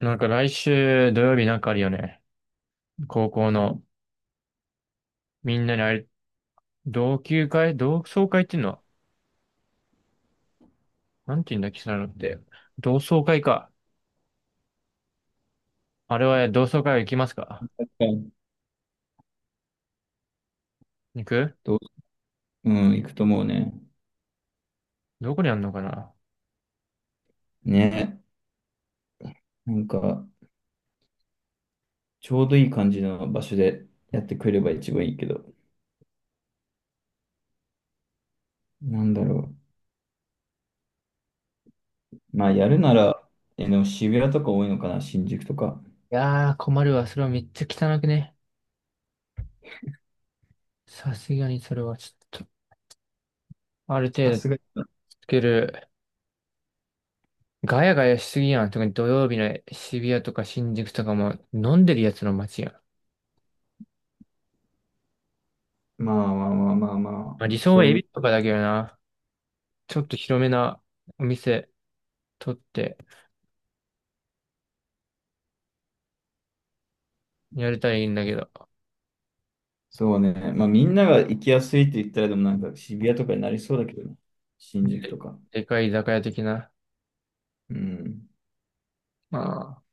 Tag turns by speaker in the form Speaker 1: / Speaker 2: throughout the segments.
Speaker 1: なんか来週土曜日なんかあるよね。高校の、みんなにあれ、同窓会っていうのは、なんて言うんだっけ、そういうのって。同窓会か。あれは同窓会行きますか？
Speaker 2: 確かに。
Speaker 1: 行く。
Speaker 2: どう、うん、行くと思うね。
Speaker 1: どこにあんのかな。
Speaker 2: ね。なんか、ちょうどいい感じの場所でやってくれれば一番いいけど、なんだろう。まあ、やるなら、でも渋谷とか多いのかな、新宿とか。
Speaker 1: いやー、困るわ。それはめっちゃ汚くね。さすがにそれはちょっと、ある程
Speaker 2: さ
Speaker 1: 度
Speaker 2: すがに。
Speaker 1: つける。ガヤガヤしすぎやん。特に土曜日の渋谷とか新宿とかも飲んでるやつの街やん。ま
Speaker 2: まあまあまあまあま
Speaker 1: あ、理
Speaker 2: あ、
Speaker 1: 想
Speaker 2: そ
Speaker 1: は
Speaker 2: う
Speaker 1: エ
Speaker 2: い
Speaker 1: ビ
Speaker 2: う、
Speaker 1: とかだけどな。ちょっと広めなお店取って、やりたいんだけど、
Speaker 2: そうね。まあ、みんなが行きやすいって言ったら、でも渋谷とかになりそうだけどね、新宿と
Speaker 1: で、
Speaker 2: か。
Speaker 1: でかい居酒屋的な、
Speaker 2: うん。
Speaker 1: まあ、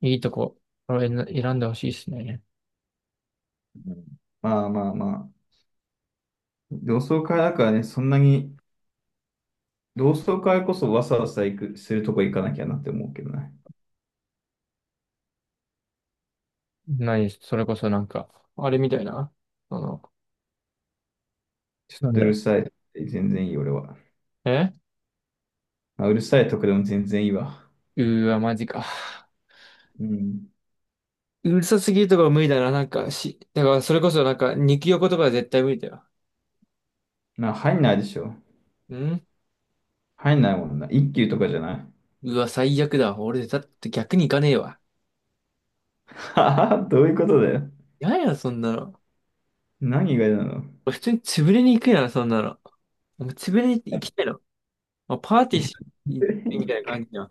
Speaker 1: いいとこ、これ選んでほしいですね。
Speaker 2: うん、まあまあまあ、同窓会だからね、そんなに、同窓会こそわさわさ行く、するとこ行かなきゃなって思うけどね。
Speaker 1: 何、それこそなんか、あれみたいな、その、
Speaker 2: ちょっ
Speaker 1: なん
Speaker 2: とうる
Speaker 1: だ、
Speaker 2: さい。全然いい、俺は。
Speaker 1: え、
Speaker 2: まあ、うるさいとこでも全然いいわ。
Speaker 1: うーわ、マジか。
Speaker 2: うん。
Speaker 1: うるさすぎるとかは無理だな、なんか、し、だからそれこそなんか、肉横とかは絶対無理だよ。
Speaker 2: まあ、入んないでしょ。
Speaker 1: ん、
Speaker 2: 入んないもんな。一級とかじゃない。
Speaker 1: うわ、最悪だ。俺、だって逆に行かねえわ。
Speaker 2: はは、どういうことだよ。
Speaker 1: やや、そんなの。
Speaker 2: 何がなの。
Speaker 1: 俺普通に潰れに行くやん、そんなの。なんか潰れに行きたいの。まあ、パー
Speaker 2: い
Speaker 1: ティー
Speaker 2: や、
Speaker 1: し、行ってみたいな感じじゃん。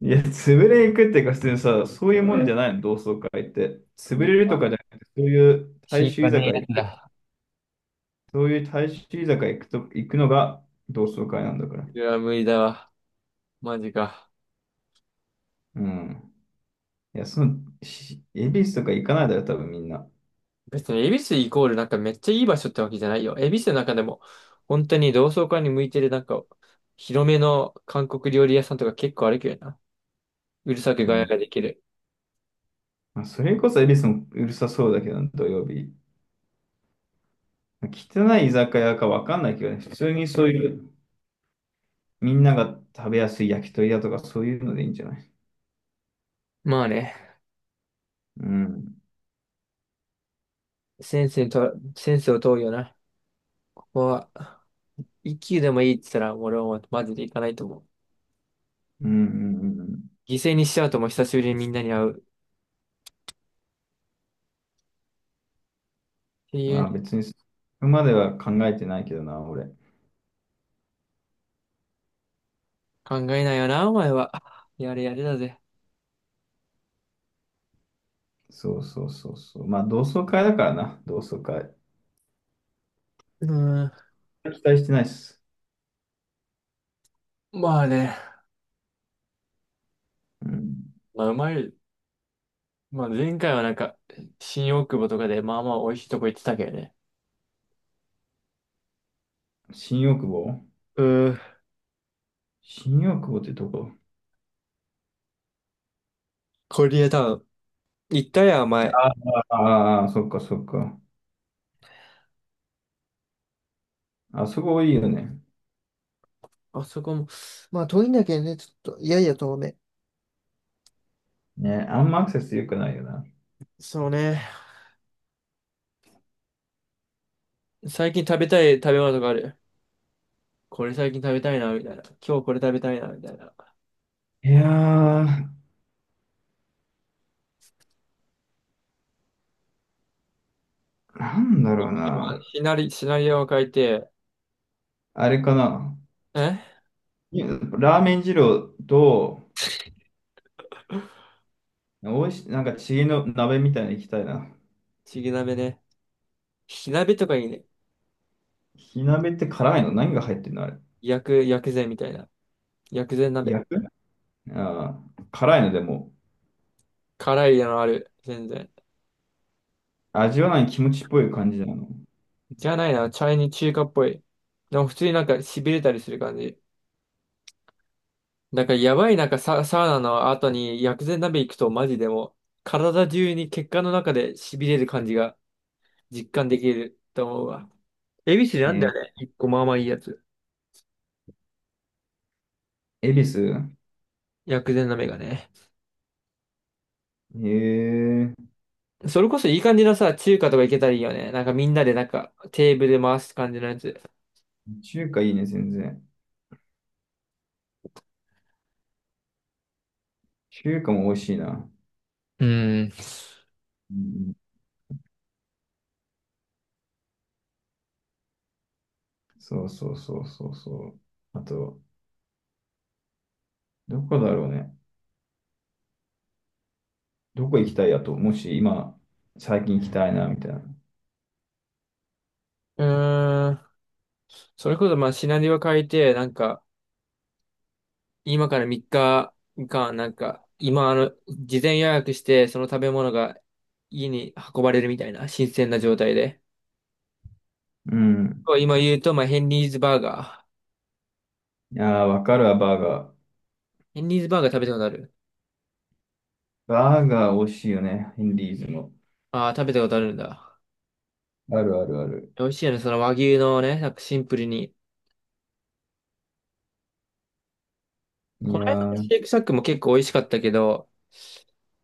Speaker 2: いや潰れ行くっていうか、普通にさ、そういうもんじゃないの、同窓会って。潰れるとかじゃなくて、そういう大
Speaker 1: 心
Speaker 2: 衆
Speaker 1: 配
Speaker 2: 居酒
Speaker 1: ね
Speaker 2: 屋
Speaker 1: えや
Speaker 2: 行
Speaker 1: つ
Speaker 2: く、
Speaker 1: だ。
Speaker 2: そういう大衆居酒屋行くと、行くのが同窓会なんだから。
Speaker 1: いや、無理だわ。マジか。
Speaker 2: うん。いや、その、し恵比寿とか行かないだろ、多分みんな。
Speaker 1: 別に、恵比寿イコールなんかめっちゃいい場所ってわけじゃないよ。恵比寿の中でも、本当に同窓会に向いてるなんか、広めの韓国料理屋さんとか結構あるけどな。うるさく
Speaker 2: う
Speaker 1: ガヤ
Speaker 2: ん。
Speaker 1: ができる。
Speaker 2: まあ、それこそ恵比寿もうるさそうだけど、土曜日。汚い居酒屋かわかんないけどね、普通にそういう、みんなが食べやすい焼き鳥屋とかそういうのでいいんじゃない？
Speaker 1: まあね、
Speaker 2: うん。
Speaker 1: センスにと、センスを問うよな。ここは、一級でもいいって言ったら、俺はもうマジで行かないと思う。
Speaker 2: うんうんうんうん。
Speaker 1: 犠牲にしちゃうともう久しぶりにみんなに会う、っていう
Speaker 2: まあ
Speaker 1: ね。
Speaker 2: 別に、そこまでは考えてないけどな、俺。
Speaker 1: 考えないよな、お前は。やれやれだぜ。
Speaker 2: そうそうそうそう。まあ同窓会だからな、同窓会。
Speaker 1: うーん。
Speaker 2: 期待してないっす。
Speaker 1: まあね。
Speaker 2: うん。
Speaker 1: まあ、うまい。まあ前回はなんか、新大久保とかでまあまあ美味しいとこ行ってたけどね。
Speaker 2: 新大久保。
Speaker 1: うん、
Speaker 2: 新大久保ってとこ。
Speaker 1: コリアタウン。行ったやん、前。
Speaker 2: ああー、そっかそっか。あそこいいよね。
Speaker 1: あそこも、まあ遠いんだけどね、ちょっと、いやいや遠め。
Speaker 2: ね、あんまアクセス良くないよな。
Speaker 1: そうね。最近食べたい食べ物とかある？これ最近食べたいな、みたいな。今日これ食べたいな、みたいな。
Speaker 2: いやー、なんだろうな。
Speaker 1: シナリオを書いて、
Speaker 2: あれかな。
Speaker 1: え、
Speaker 2: ラーメン二郎と、おいし、チゲの鍋みたいに行きたいな。
Speaker 1: ちぎ鍋ね。火鍋とかいいね。
Speaker 2: 火鍋って辛いの何が入ってるのあれ。
Speaker 1: 薬膳みたいな。薬膳鍋。
Speaker 2: 焼く、あー、辛いのでも、
Speaker 1: 辛いのある。全然。
Speaker 2: 味わわない気持ちっぽい感じなの。
Speaker 1: じゃないな。チャイニー中華っぽい。でも普通になんか痺れたりする感じ。なんからやばいなんかサウナの後に薬膳鍋行くとマジでもう体中に血管の中で痺れる感じが実感できると思うわ。恵比寿なん
Speaker 2: え
Speaker 1: だよ
Speaker 2: ー、
Speaker 1: ね、一個まあまあいいやつ。
Speaker 2: 恵比寿。
Speaker 1: 薬膳鍋がね。
Speaker 2: えー、
Speaker 1: それこそいい感じのさ、中華とか行けたらいいよね。なんかみんなでなんかテーブル回す感じのやつ。
Speaker 2: 中華いいね、全然。中華も美味しいな。
Speaker 1: うん。
Speaker 2: うん、そうそうそうそうそう。あと、どこだろうね。どこ行きたいやと、もし今、最近行きたいな、みたいな。
Speaker 1: うーん。それこそまあシナリオ変えて、なんか今から3日間、なんか、今、あの、事前予約して、その食べ物が家に運ばれるみたいな、新鮮な状態で。
Speaker 2: うん。
Speaker 1: こう今言うと、まあ、ヘンリーズバーガー。
Speaker 2: いやー、わかるわ、バーガー。
Speaker 1: ヘンリーズバーガー食べたことある？
Speaker 2: バーガー美味しいよね、ヘンリーズの。
Speaker 1: ああー、食べたことあるんだ。
Speaker 2: あるあるある。
Speaker 1: 美味しいよね、その和牛のね、なんかシンプルに。
Speaker 2: い
Speaker 1: こ
Speaker 2: や
Speaker 1: の間
Speaker 2: ー、
Speaker 1: の
Speaker 2: う
Speaker 1: シ
Speaker 2: ん
Speaker 1: ェイクサックも結構美味しかったけど、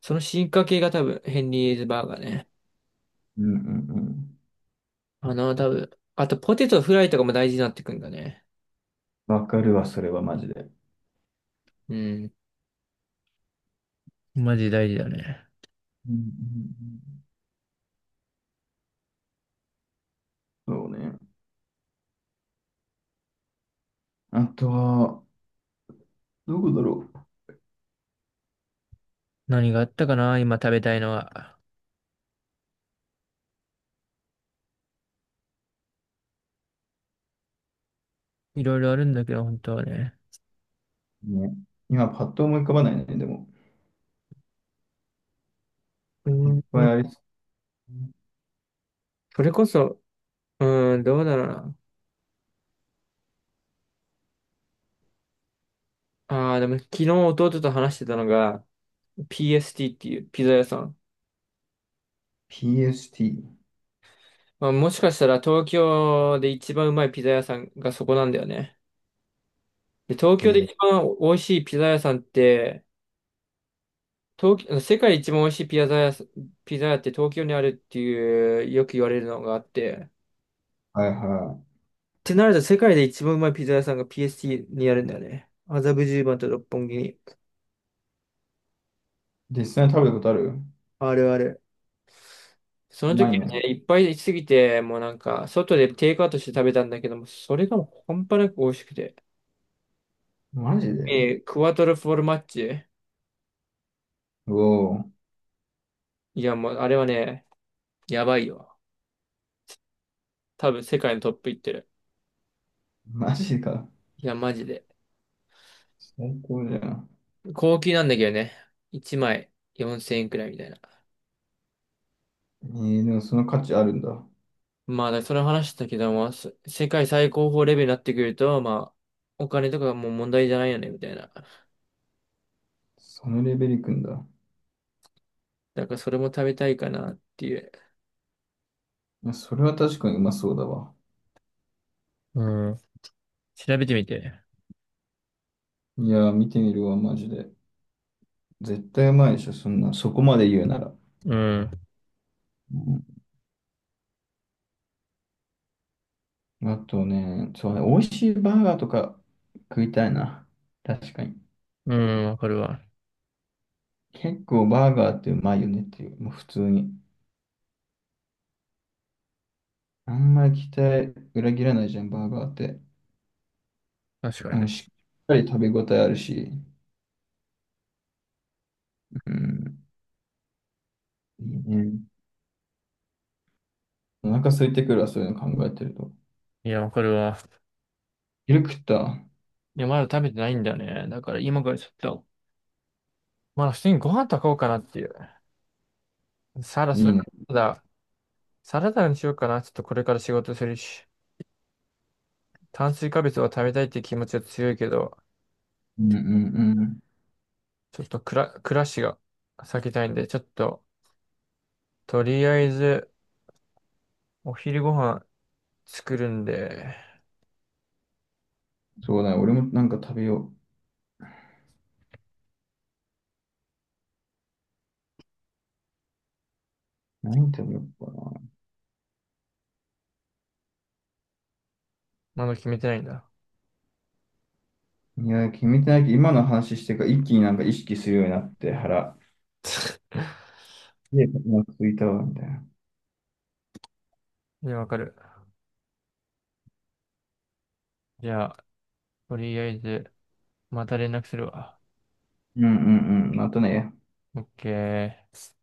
Speaker 1: その進化系が多分、ヘンリーズバーガーね。
Speaker 2: うんうん。
Speaker 1: あの、多分、あとポテトフライとかも大事になってくんだね。
Speaker 2: わかるわ、それはマジで。
Speaker 1: うん。マジ大事だね。
Speaker 2: うんうんうん、そうね。あとは、どこだろ
Speaker 1: 何があったかな、今食べたいのは。いろいろあるんだけど、本当はね。
Speaker 2: う。ね。今、パッと思い浮かばないね、でも。
Speaker 1: う
Speaker 2: い
Speaker 1: ー
Speaker 2: っぱい
Speaker 1: ん、
Speaker 2: ありそう。
Speaker 1: それこそ、うーん、どうだろうな。ああ、でも昨日弟と話してたのが、PST っていうピザ屋さん。
Speaker 2: PST。
Speaker 1: まあ、もしかしたら東京で一番うまいピザ屋さんがそこなんだよね。で、東京で
Speaker 2: え
Speaker 1: 一
Speaker 2: ー、
Speaker 1: 番美味しいピザ屋さんって、東京、世界で一番美味しいピザ屋って東京にあるっていう、よく言われるのがあって。っ
Speaker 2: はいは
Speaker 1: てなると世界で一番うまいピザ屋さんが PST にあるんだよね。麻布十番と六本木に。
Speaker 2: い。実際に食べたことある？
Speaker 1: あるある。その
Speaker 2: うまい
Speaker 1: 時はね、
Speaker 2: の？
Speaker 1: いっぱいすぎて、もうなんか、外でテイクアウトして食べたんだけども、それがもう半端なく美味しくて。
Speaker 2: マジで？
Speaker 1: えークワトロフォルマッチ。
Speaker 2: おお、
Speaker 1: いや、もうあれはね、やばいよ。多分世界のトップいってる。
Speaker 2: マジか。
Speaker 1: いや、マジで。
Speaker 2: 最高じゃん。
Speaker 1: 高級なんだけどね。1枚4000円くらいみたいな。
Speaker 2: えー、でもその価値あるんだ。
Speaker 1: まあ、だからその話したけども、世界最高峰レベルになってくると、まあ、お金とかがもう問題じゃないよね、みたいな。
Speaker 2: そのレベルいくんだ。
Speaker 1: だからそれも食べたいかなっていう。
Speaker 2: いや、それは確かにうまそうだわ。
Speaker 1: うん。調べてみて。
Speaker 2: いやー、見てみるわ、マジで。絶対うまいでしょ、そんな、そこまで言うなら。
Speaker 1: うん。
Speaker 2: うん、あとね、そうね、美味しいバーガーとか食いたいな。確かに。
Speaker 1: うん、わかるわ。
Speaker 2: 結構バーガーってうまいよねっていう、もう普通に。あんまり期待裏切らないじゃん、バーガーって。
Speaker 1: 確か
Speaker 2: あ
Speaker 1: に
Speaker 2: の、
Speaker 1: ね。
Speaker 2: しっかり食べ応えあるし。うん。いいね。お腹空いてくるわ、そういうの考えてると。
Speaker 1: いや、わかるわ。
Speaker 2: 昼食った？
Speaker 1: いや、まだ食べてないんだよね。だから今からちょっと、まだ普通にご飯炊こうかなっていう。サラ、
Speaker 2: い
Speaker 1: そ
Speaker 2: い
Speaker 1: れ
Speaker 2: ね。
Speaker 1: からだ、サラダにしようかな。ちょっとこれから仕事するし、炭水化物を食べたいって気持ちは強いけど、
Speaker 2: うんうんうん。
Speaker 1: ちょっと暮らしが避けたいんで、ちょっと、とりあえず、お昼ご飯作るんで、
Speaker 2: そうだね。俺もなんか食べよう。何食べようかな。
Speaker 1: まだ決めてないんだ。
Speaker 2: いや、決めてないけど、今の話してから一気になんか意識するようになって、腹。で、今ついたわ、みたいな。
Speaker 1: いや、わかる。じゃあ、とりあえず、また連絡するわ。
Speaker 2: うんうんうん。またね。
Speaker 1: オッケー。